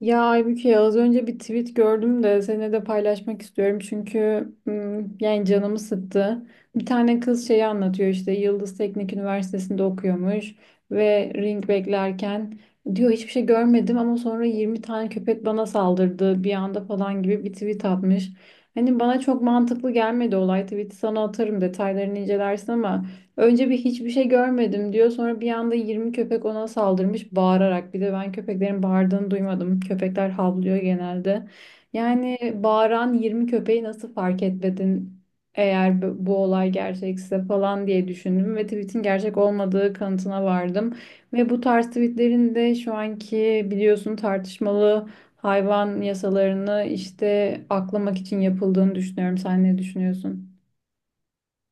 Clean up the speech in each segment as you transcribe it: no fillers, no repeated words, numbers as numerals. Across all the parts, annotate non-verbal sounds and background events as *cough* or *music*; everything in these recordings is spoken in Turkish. Ya Aybüke az önce bir tweet gördüm de seninle de paylaşmak istiyorum çünkü yani canımı sıktı. Bir tane kız şeyi anlatıyor işte Yıldız Teknik Üniversitesi'nde okuyormuş ve ring beklerken diyor hiçbir şey görmedim, ama sonra 20 tane köpek bana saldırdı bir anda falan gibi bir tweet atmış. Hani bana çok mantıklı gelmedi olay, tweet'i sana atarım detaylarını incelersin, ama önce bir hiçbir şey görmedim diyor. Sonra bir anda 20 köpek ona saldırmış bağırarak. Bir de ben köpeklerin bağırdığını duymadım. Köpekler havlıyor genelde. Yani bağıran 20 köpeği nasıl fark etmedin eğer bu olay gerçekse falan diye düşündüm ve tweetin gerçek olmadığı kanıtına vardım. Ve bu tarz tweetlerin de şu anki biliyorsun tartışmalı hayvan yasalarını işte aklamak için yapıldığını düşünüyorum. Sen ne düşünüyorsun?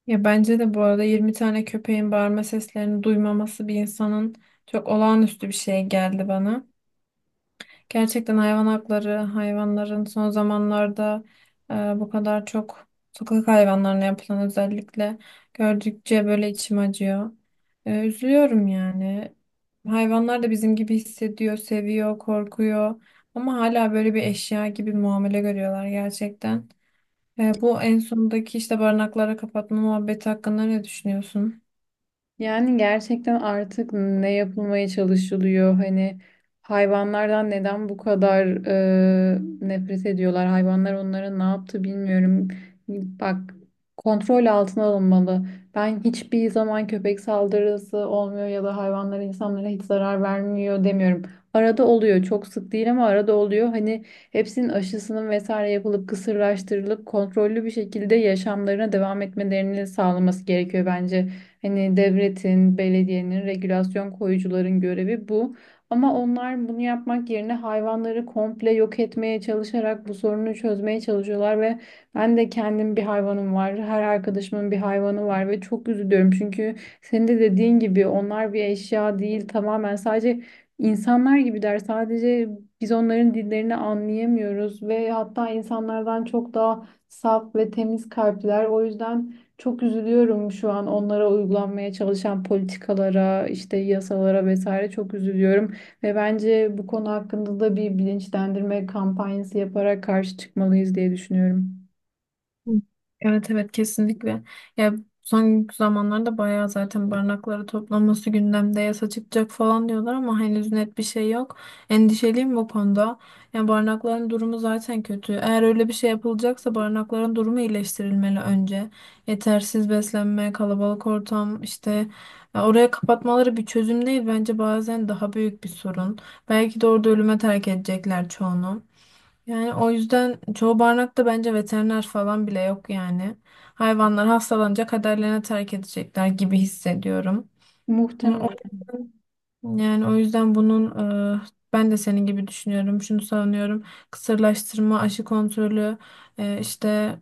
Ya bence de bu arada 20 tane köpeğin bağırma seslerini duymaması bir insanın çok olağanüstü bir şey geldi bana. Gerçekten hayvan hakları, hayvanların son zamanlarda e, bu kadar çok sokak hayvanlarına yapılan özellikle gördükçe böyle içim acıyor. Üzülüyorum yani. Hayvanlar da bizim gibi hissediyor, seviyor, korkuyor ama hala böyle bir eşya gibi muamele görüyorlar gerçekten. Bu en sondaki işte barınaklara kapatma muhabbeti hakkında ne düşünüyorsun? Yani gerçekten artık ne yapılmaya çalışılıyor? Hani hayvanlardan neden bu kadar nefret ediyorlar? Hayvanlar onlara ne yaptı bilmiyorum. Bak, kontrol altına alınmalı. Ben hiçbir zaman köpek saldırısı olmuyor ya da hayvanlara insanlara hiç zarar vermiyor demiyorum. Arada oluyor. Çok sık değil ama arada oluyor. Hani hepsinin aşısının vesaire yapılıp kısırlaştırılıp kontrollü bir şekilde yaşamlarına devam etmelerini sağlaması gerekiyor bence. Hani devletin, belediyenin, regülasyon koyucuların görevi bu. Ama onlar bunu yapmak yerine hayvanları komple yok etmeye çalışarak bu sorunu çözmeye çalışıyorlar ve ben de kendim bir hayvanım var. Her arkadaşımın bir hayvanı var ve çok üzülüyorum. Çünkü senin de dediğin gibi onlar bir eşya değil, tamamen sadece insanlar gibiler. Sadece biz onların dillerini anlayamıyoruz ve hatta insanlardan çok daha saf ve temiz kalpliler. O yüzden çok üzülüyorum şu an onlara uygulanmaya çalışan politikalara, işte yasalara vesaire, çok üzülüyorum. Ve bence bu konu hakkında da bir bilinçlendirme kampanyası yaparak karşı çıkmalıyız diye düşünüyorum. Hı. Evet, evet, kesinlikle. Ya son zamanlarda bayağı zaten barınakları toplanması gündemde yasa çıkacak falan diyorlar ama henüz net bir şey yok. Endişeliyim bu konuda. Yani barınakların durumu zaten kötü. Eğer öyle bir şey yapılacaksa barınakların durumu iyileştirilmeli önce. Yetersiz beslenme, kalabalık ortam işte ya oraya kapatmaları bir çözüm değil bence, bazen daha büyük bir sorun. Belki de orada ölüme terk edecekler çoğunu. Yani o yüzden çoğu barınakta bence veteriner falan bile yok yani. Hayvanlar hastalanınca kaderlerine terk edecekler gibi hissediyorum. Yani o- Muhtemelen. Yani o yüzden e, ben de senin gibi düşünüyorum. Şunu savunuyorum. Kısırlaştırma, aşı kontrolü, işte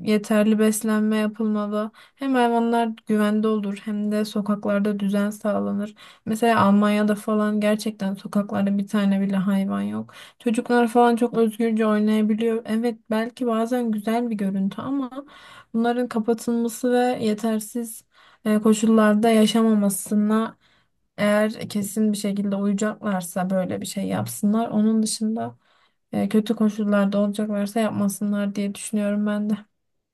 yeterli beslenme yapılmalı. Hem hayvanlar güvende olur hem de sokaklarda düzen sağlanır. Mesela Almanya'da falan gerçekten sokaklarda bir tane bile hayvan yok. Çocuklar falan çok özgürce oynayabiliyor. Evet, belki bazen güzel bir görüntü ama bunların kapatılması ve yetersiz koşullarda yaşamamasına eğer kesin bir şekilde uyacaklarsa böyle bir şey yapsınlar. Onun dışında kötü koşullarda olacaklarsa yapmasınlar diye düşünüyorum ben de.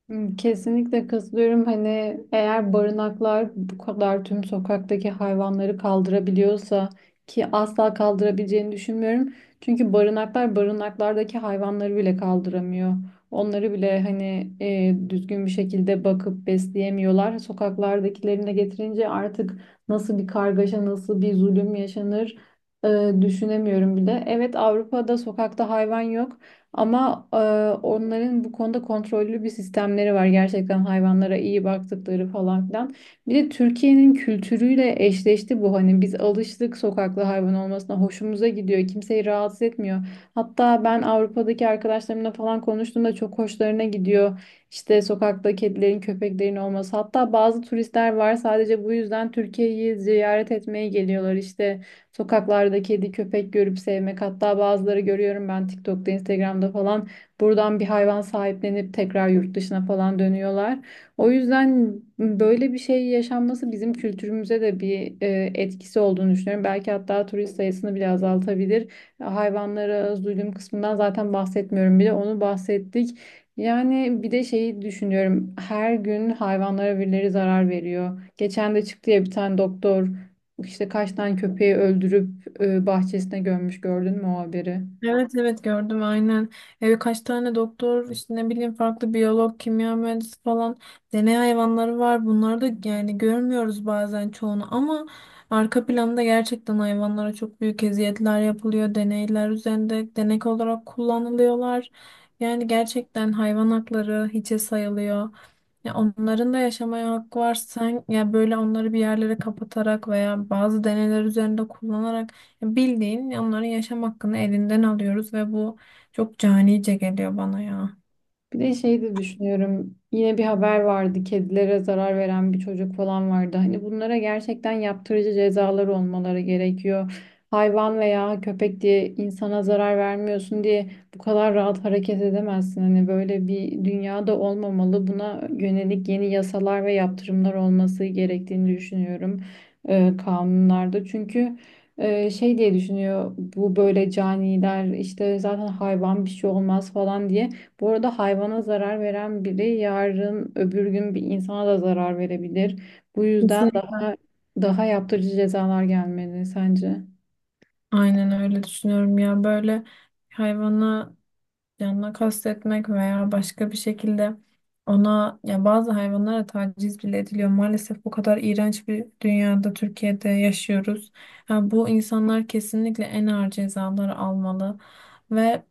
Hmm, kesinlikle katılıyorum. Hani eğer barınaklar bu kadar tüm sokaktaki hayvanları kaldırabiliyorsa, ki asla kaldırabileceğini düşünmüyorum. Çünkü barınaklar barınaklardaki hayvanları bile kaldıramıyor. Onları bile hani düzgün bir şekilde bakıp besleyemiyorlar. Sokaklardakilerini de getirince artık nasıl bir kargaşa, nasıl bir zulüm yaşanır düşünemiyorum bile. Evet, Avrupa'da sokakta hayvan yok. Ama onların bu konuda kontrollü bir sistemleri var. Gerçekten hayvanlara iyi baktıkları falan filan. Bir de Türkiye'nin kültürüyle eşleşti bu. Hani biz alıştık sokaklı hayvan olmasına. Hoşumuza gidiyor. Kimseyi rahatsız etmiyor. Hatta ben Avrupa'daki arkadaşlarımla falan konuştuğumda çok hoşlarına gidiyor. İşte sokakta kedilerin, köpeklerin olması. Hatta bazı turistler var sadece bu yüzden Türkiye'yi ziyaret etmeye geliyorlar. İşte sokaklarda kedi köpek görüp sevmek, hatta bazıları görüyorum ben TikTok'ta Instagram'da falan buradan bir hayvan sahiplenip tekrar yurt dışına falan dönüyorlar. O yüzden böyle bir şey yaşanması bizim kültürümüze de bir etkisi olduğunu düşünüyorum. Belki hatta turist sayısını bile azaltabilir. Hayvanlara zulüm kısmından zaten bahsetmiyorum bile, onu bahsettik. Yani bir de şeyi düşünüyorum. Her gün hayvanlara birileri zarar veriyor. Geçen de çıktı ya bir tane doktor. İşte kaç tane köpeği öldürüp bahçesine gömmüş, gördün mü o haberi? Evet, evet, gördüm aynen. Kaç tane doktor işte ne bileyim farklı biyolog, kimya mühendisi falan deney hayvanları var. Bunları da yani görmüyoruz bazen çoğunu ama arka planda gerçekten hayvanlara çok büyük eziyetler yapılıyor. Deneyler üzerinde denek olarak kullanılıyorlar. Yani gerçekten hayvan hakları hiçe sayılıyor. Ya onların da yaşamaya hakkı var. Sen ya böyle onları bir yerlere kapatarak veya bazı deneyler üzerinde kullanarak bildiğin onların yaşam hakkını elinden alıyoruz ve bu çok canice geliyor bana ya. Bir de şey de düşünüyorum. Yine bir haber vardı. Kedilere zarar veren bir çocuk falan vardı. Hani bunlara gerçekten yaptırıcı cezalar olmaları gerekiyor. Hayvan veya köpek diye insana zarar vermiyorsun diye bu kadar rahat hareket edemezsin. Hani böyle bir dünyada olmamalı. Buna yönelik yeni yasalar ve yaptırımlar olması gerektiğini düşünüyorum kanunlarda. Çünkü şey diye düşünüyor bu böyle caniler işte, zaten hayvan bir şey olmaz falan diye. Bu arada hayvana zarar veren biri yarın öbür gün bir insana da zarar verebilir. Bu yüzden Kesinlikle. daha yaptırıcı cezalar gelmeli sence? Aynen öyle düşünüyorum ya. Böyle hayvanı canına kastetmek veya başka bir şekilde ona, ya bazı hayvanlara taciz bile ediliyor. Maalesef bu kadar iğrenç bir dünyada, Türkiye'de yaşıyoruz. Ha, bu insanlar kesinlikle en ağır cezaları almalı ve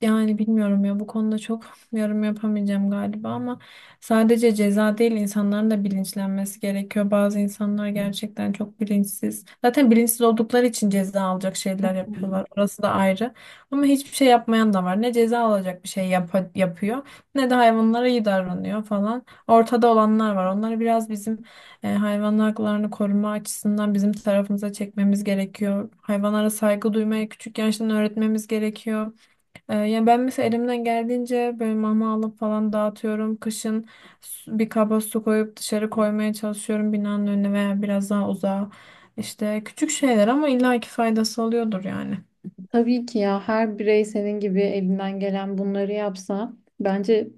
yani bilmiyorum ya bu konuda çok *laughs* yorum yapamayacağım galiba ama sadece ceza değil insanların da bilinçlenmesi gerekiyor. Bazı insanlar gerçekten çok bilinçsiz. Zaten bilinçsiz oldukları için ceza alacak şeyler yapıyorlar. Orası da ayrı. Ama hiçbir şey yapmayan da var. Ne ceza alacak bir şey yapıyor ne de hayvanlara iyi davranıyor falan. Ortada olanlar var. Onları biraz bizim hayvan haklarını koruma açısından bizim tarafımıza çekmemiz gerekiyor. Hayvanlara saygı duymaya küçük yaştan öğretmemiz gerekiyor. Yani ben mesela elimden geldiğince böyle mama alıp falan dağıtıyorum. Kışın bir kaba su koyup dışarı koymaya çalışıyorum binanın önüne veya biraz daha uzağa. İşte küçük şeyler ama illaki faydası oluyordur yani. Tabii ki ya, her birey senin gibi elinden gelen bunları yapsa bence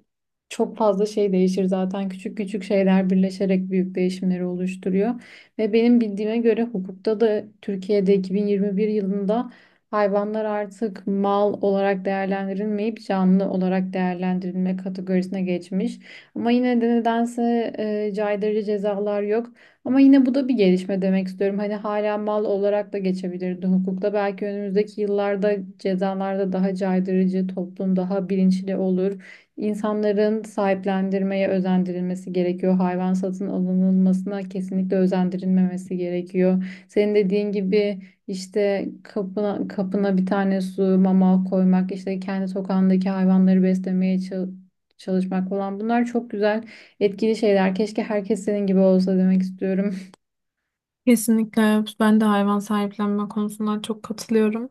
çok fazla şey değişir zaten. Küçük küçük şeyler birleşerek büyük değişimleri oluşturuyor. Ve benim bildiğime göre hukukta da Türkiye'de 2021 yılında hayvanlar artık mal olarak değerlendirilmeyip canlı olarak değerlendirilme kategorisine geçmiş. Ama yine de nedense caydırıcı cezalar yok. Ama yine bu da bir gelişme demek istiyorum. Hani hala mal olarak da geçebilirdi hukukta. Belki önümüzdeki yıllarda cezalarda daha caydırıcı, toplum daha bilinçli olur. İnsanların sahiplendirmeye özendirilmesi gerekiyor. Hayvan satın alınılmasına kesinlikle özendirilmemesi gerekiyor. Senin dediğin gibi işte kapına, kapına bir tane su, mama koymak, işte kendi sokağındaki hayvanları beslemeye çalışmak falan, bunlar çok güzel, etkili şeyler. Keşke herkes senin gibi olsa demek istiyorum. Kesinlikle, evet. Ben de hayvan sahiplenme konusunda çok katılıyorum.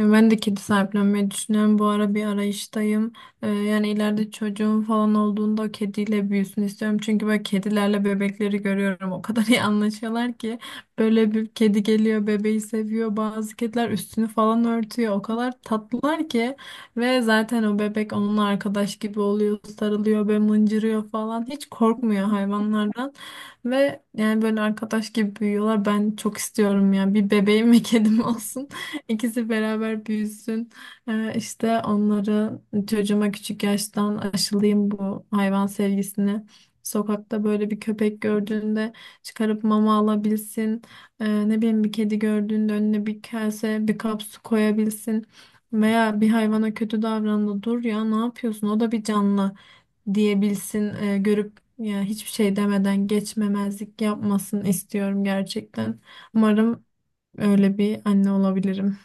Ben de kedi sahiplenmeyi düşünüyorum. Bu ara bir arayıştayım. Yani ileride çocuğum falan olduğunda o kediyle büyüsün istiyorum. Çünkü böyle kedilerle bebekleri görüyorum. O kadar *laughs* iyi anlaşıyorlar ki. Böyle bir kedi geliyor, bebeği seviyor. Bazı kediler üstünü falan örtüyor. O kadar tatlılar ki. Ve zaten o bebek onunla arkadaş gibi oluyor. Sarılıyor ve mıncırıyor falan. Hiç korkmuyor hayvanlardan. Ve yani böyle arkadaş gibi büyüyorlar. Ben çok istiyorum yani. Bir bebeğim ve kedim olsun. *laughs* İkisi beraber büyüsün. İşte onları, çocuğuma küçük yaştan aşılayayım bu hayvan sevgisini. Sokakta böyle bir köpek gördüğünde çıkarıp mama alabilsin. Ne bileyim bir kedi gördüğünde önüne bir kase, bir kap su koyabilsin. Veya bir hayvana kötü davrandı. Dur ya, ne yapıyorsun? O da bir canlı diyebilsin, görüp ya hiçbir şey demeden geçmemezlik yapmasın istiyorum gerçekten. *laughs* Umarım öyle bir anne olabilirim.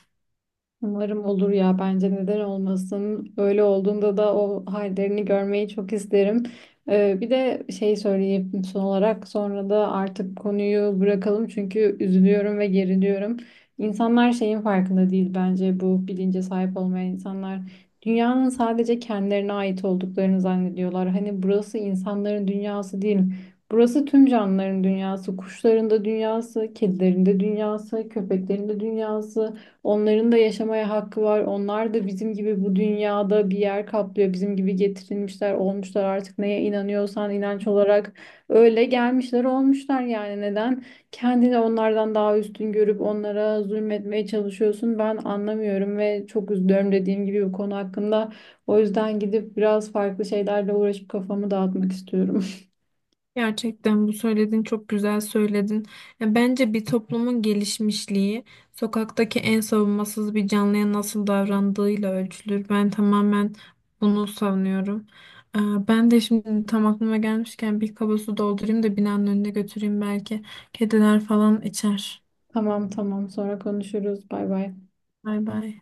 Umarım olur ya, bence neden olmasın. Öyle olduğunda da o hallerini görmeyi çok isterim. Bir de şey söyleyeyim son olarak, sonra da artık konuyu bırakalım çünkü üzülüyorum ve geriliyorum. İnsanlar şeyin farkında değil bence, bu bilince sahip olmayan insanlar. Dünyanın sadece kendilerine ait olduklarını zannediyorlar. Hani burası insanların dünyası değil. Burası tüm canlıların dünyası, kuşların da dünyası, kedilerin de dünyası, köpeklerin de dünyası. Onların da yaşamaya hakkı var. Onlar da bizim gibi bu dünyada bir yer kaplıyor. Bizim gibi getirilmişler, olmuşlar artık neye inanıyorsan inanç olarak, öyle gelmişler, olmuşlar yani. Neden kendini onlardan daha üstün görüp onlara zulmetmeye çalışıyorsun? Ben anlamıyorum ve çok üzülüyorum dediğim gibi bu konu hakkında. O yüzden gidip biraz farklı şeylerle uğraşıp kafamı dağıtmak istiyorum. Gerçekten bu söylediğin, çok güzel söyledin. Ya bence bir toplumun gelişmişliği sokaktaki en savunmasız bir canlıya nasıl davrandığıyla ölçülür. Ben tamamen bunu savunuyorum. Ee, Ben de şimdi tam aklıma gelmişken bir kaba su doldurayım da binanın önüne götüreyim belki. Kediler falan içer. *laughs* Tamam tamam, sonra konuşuruz. Bay bay. Bay bay.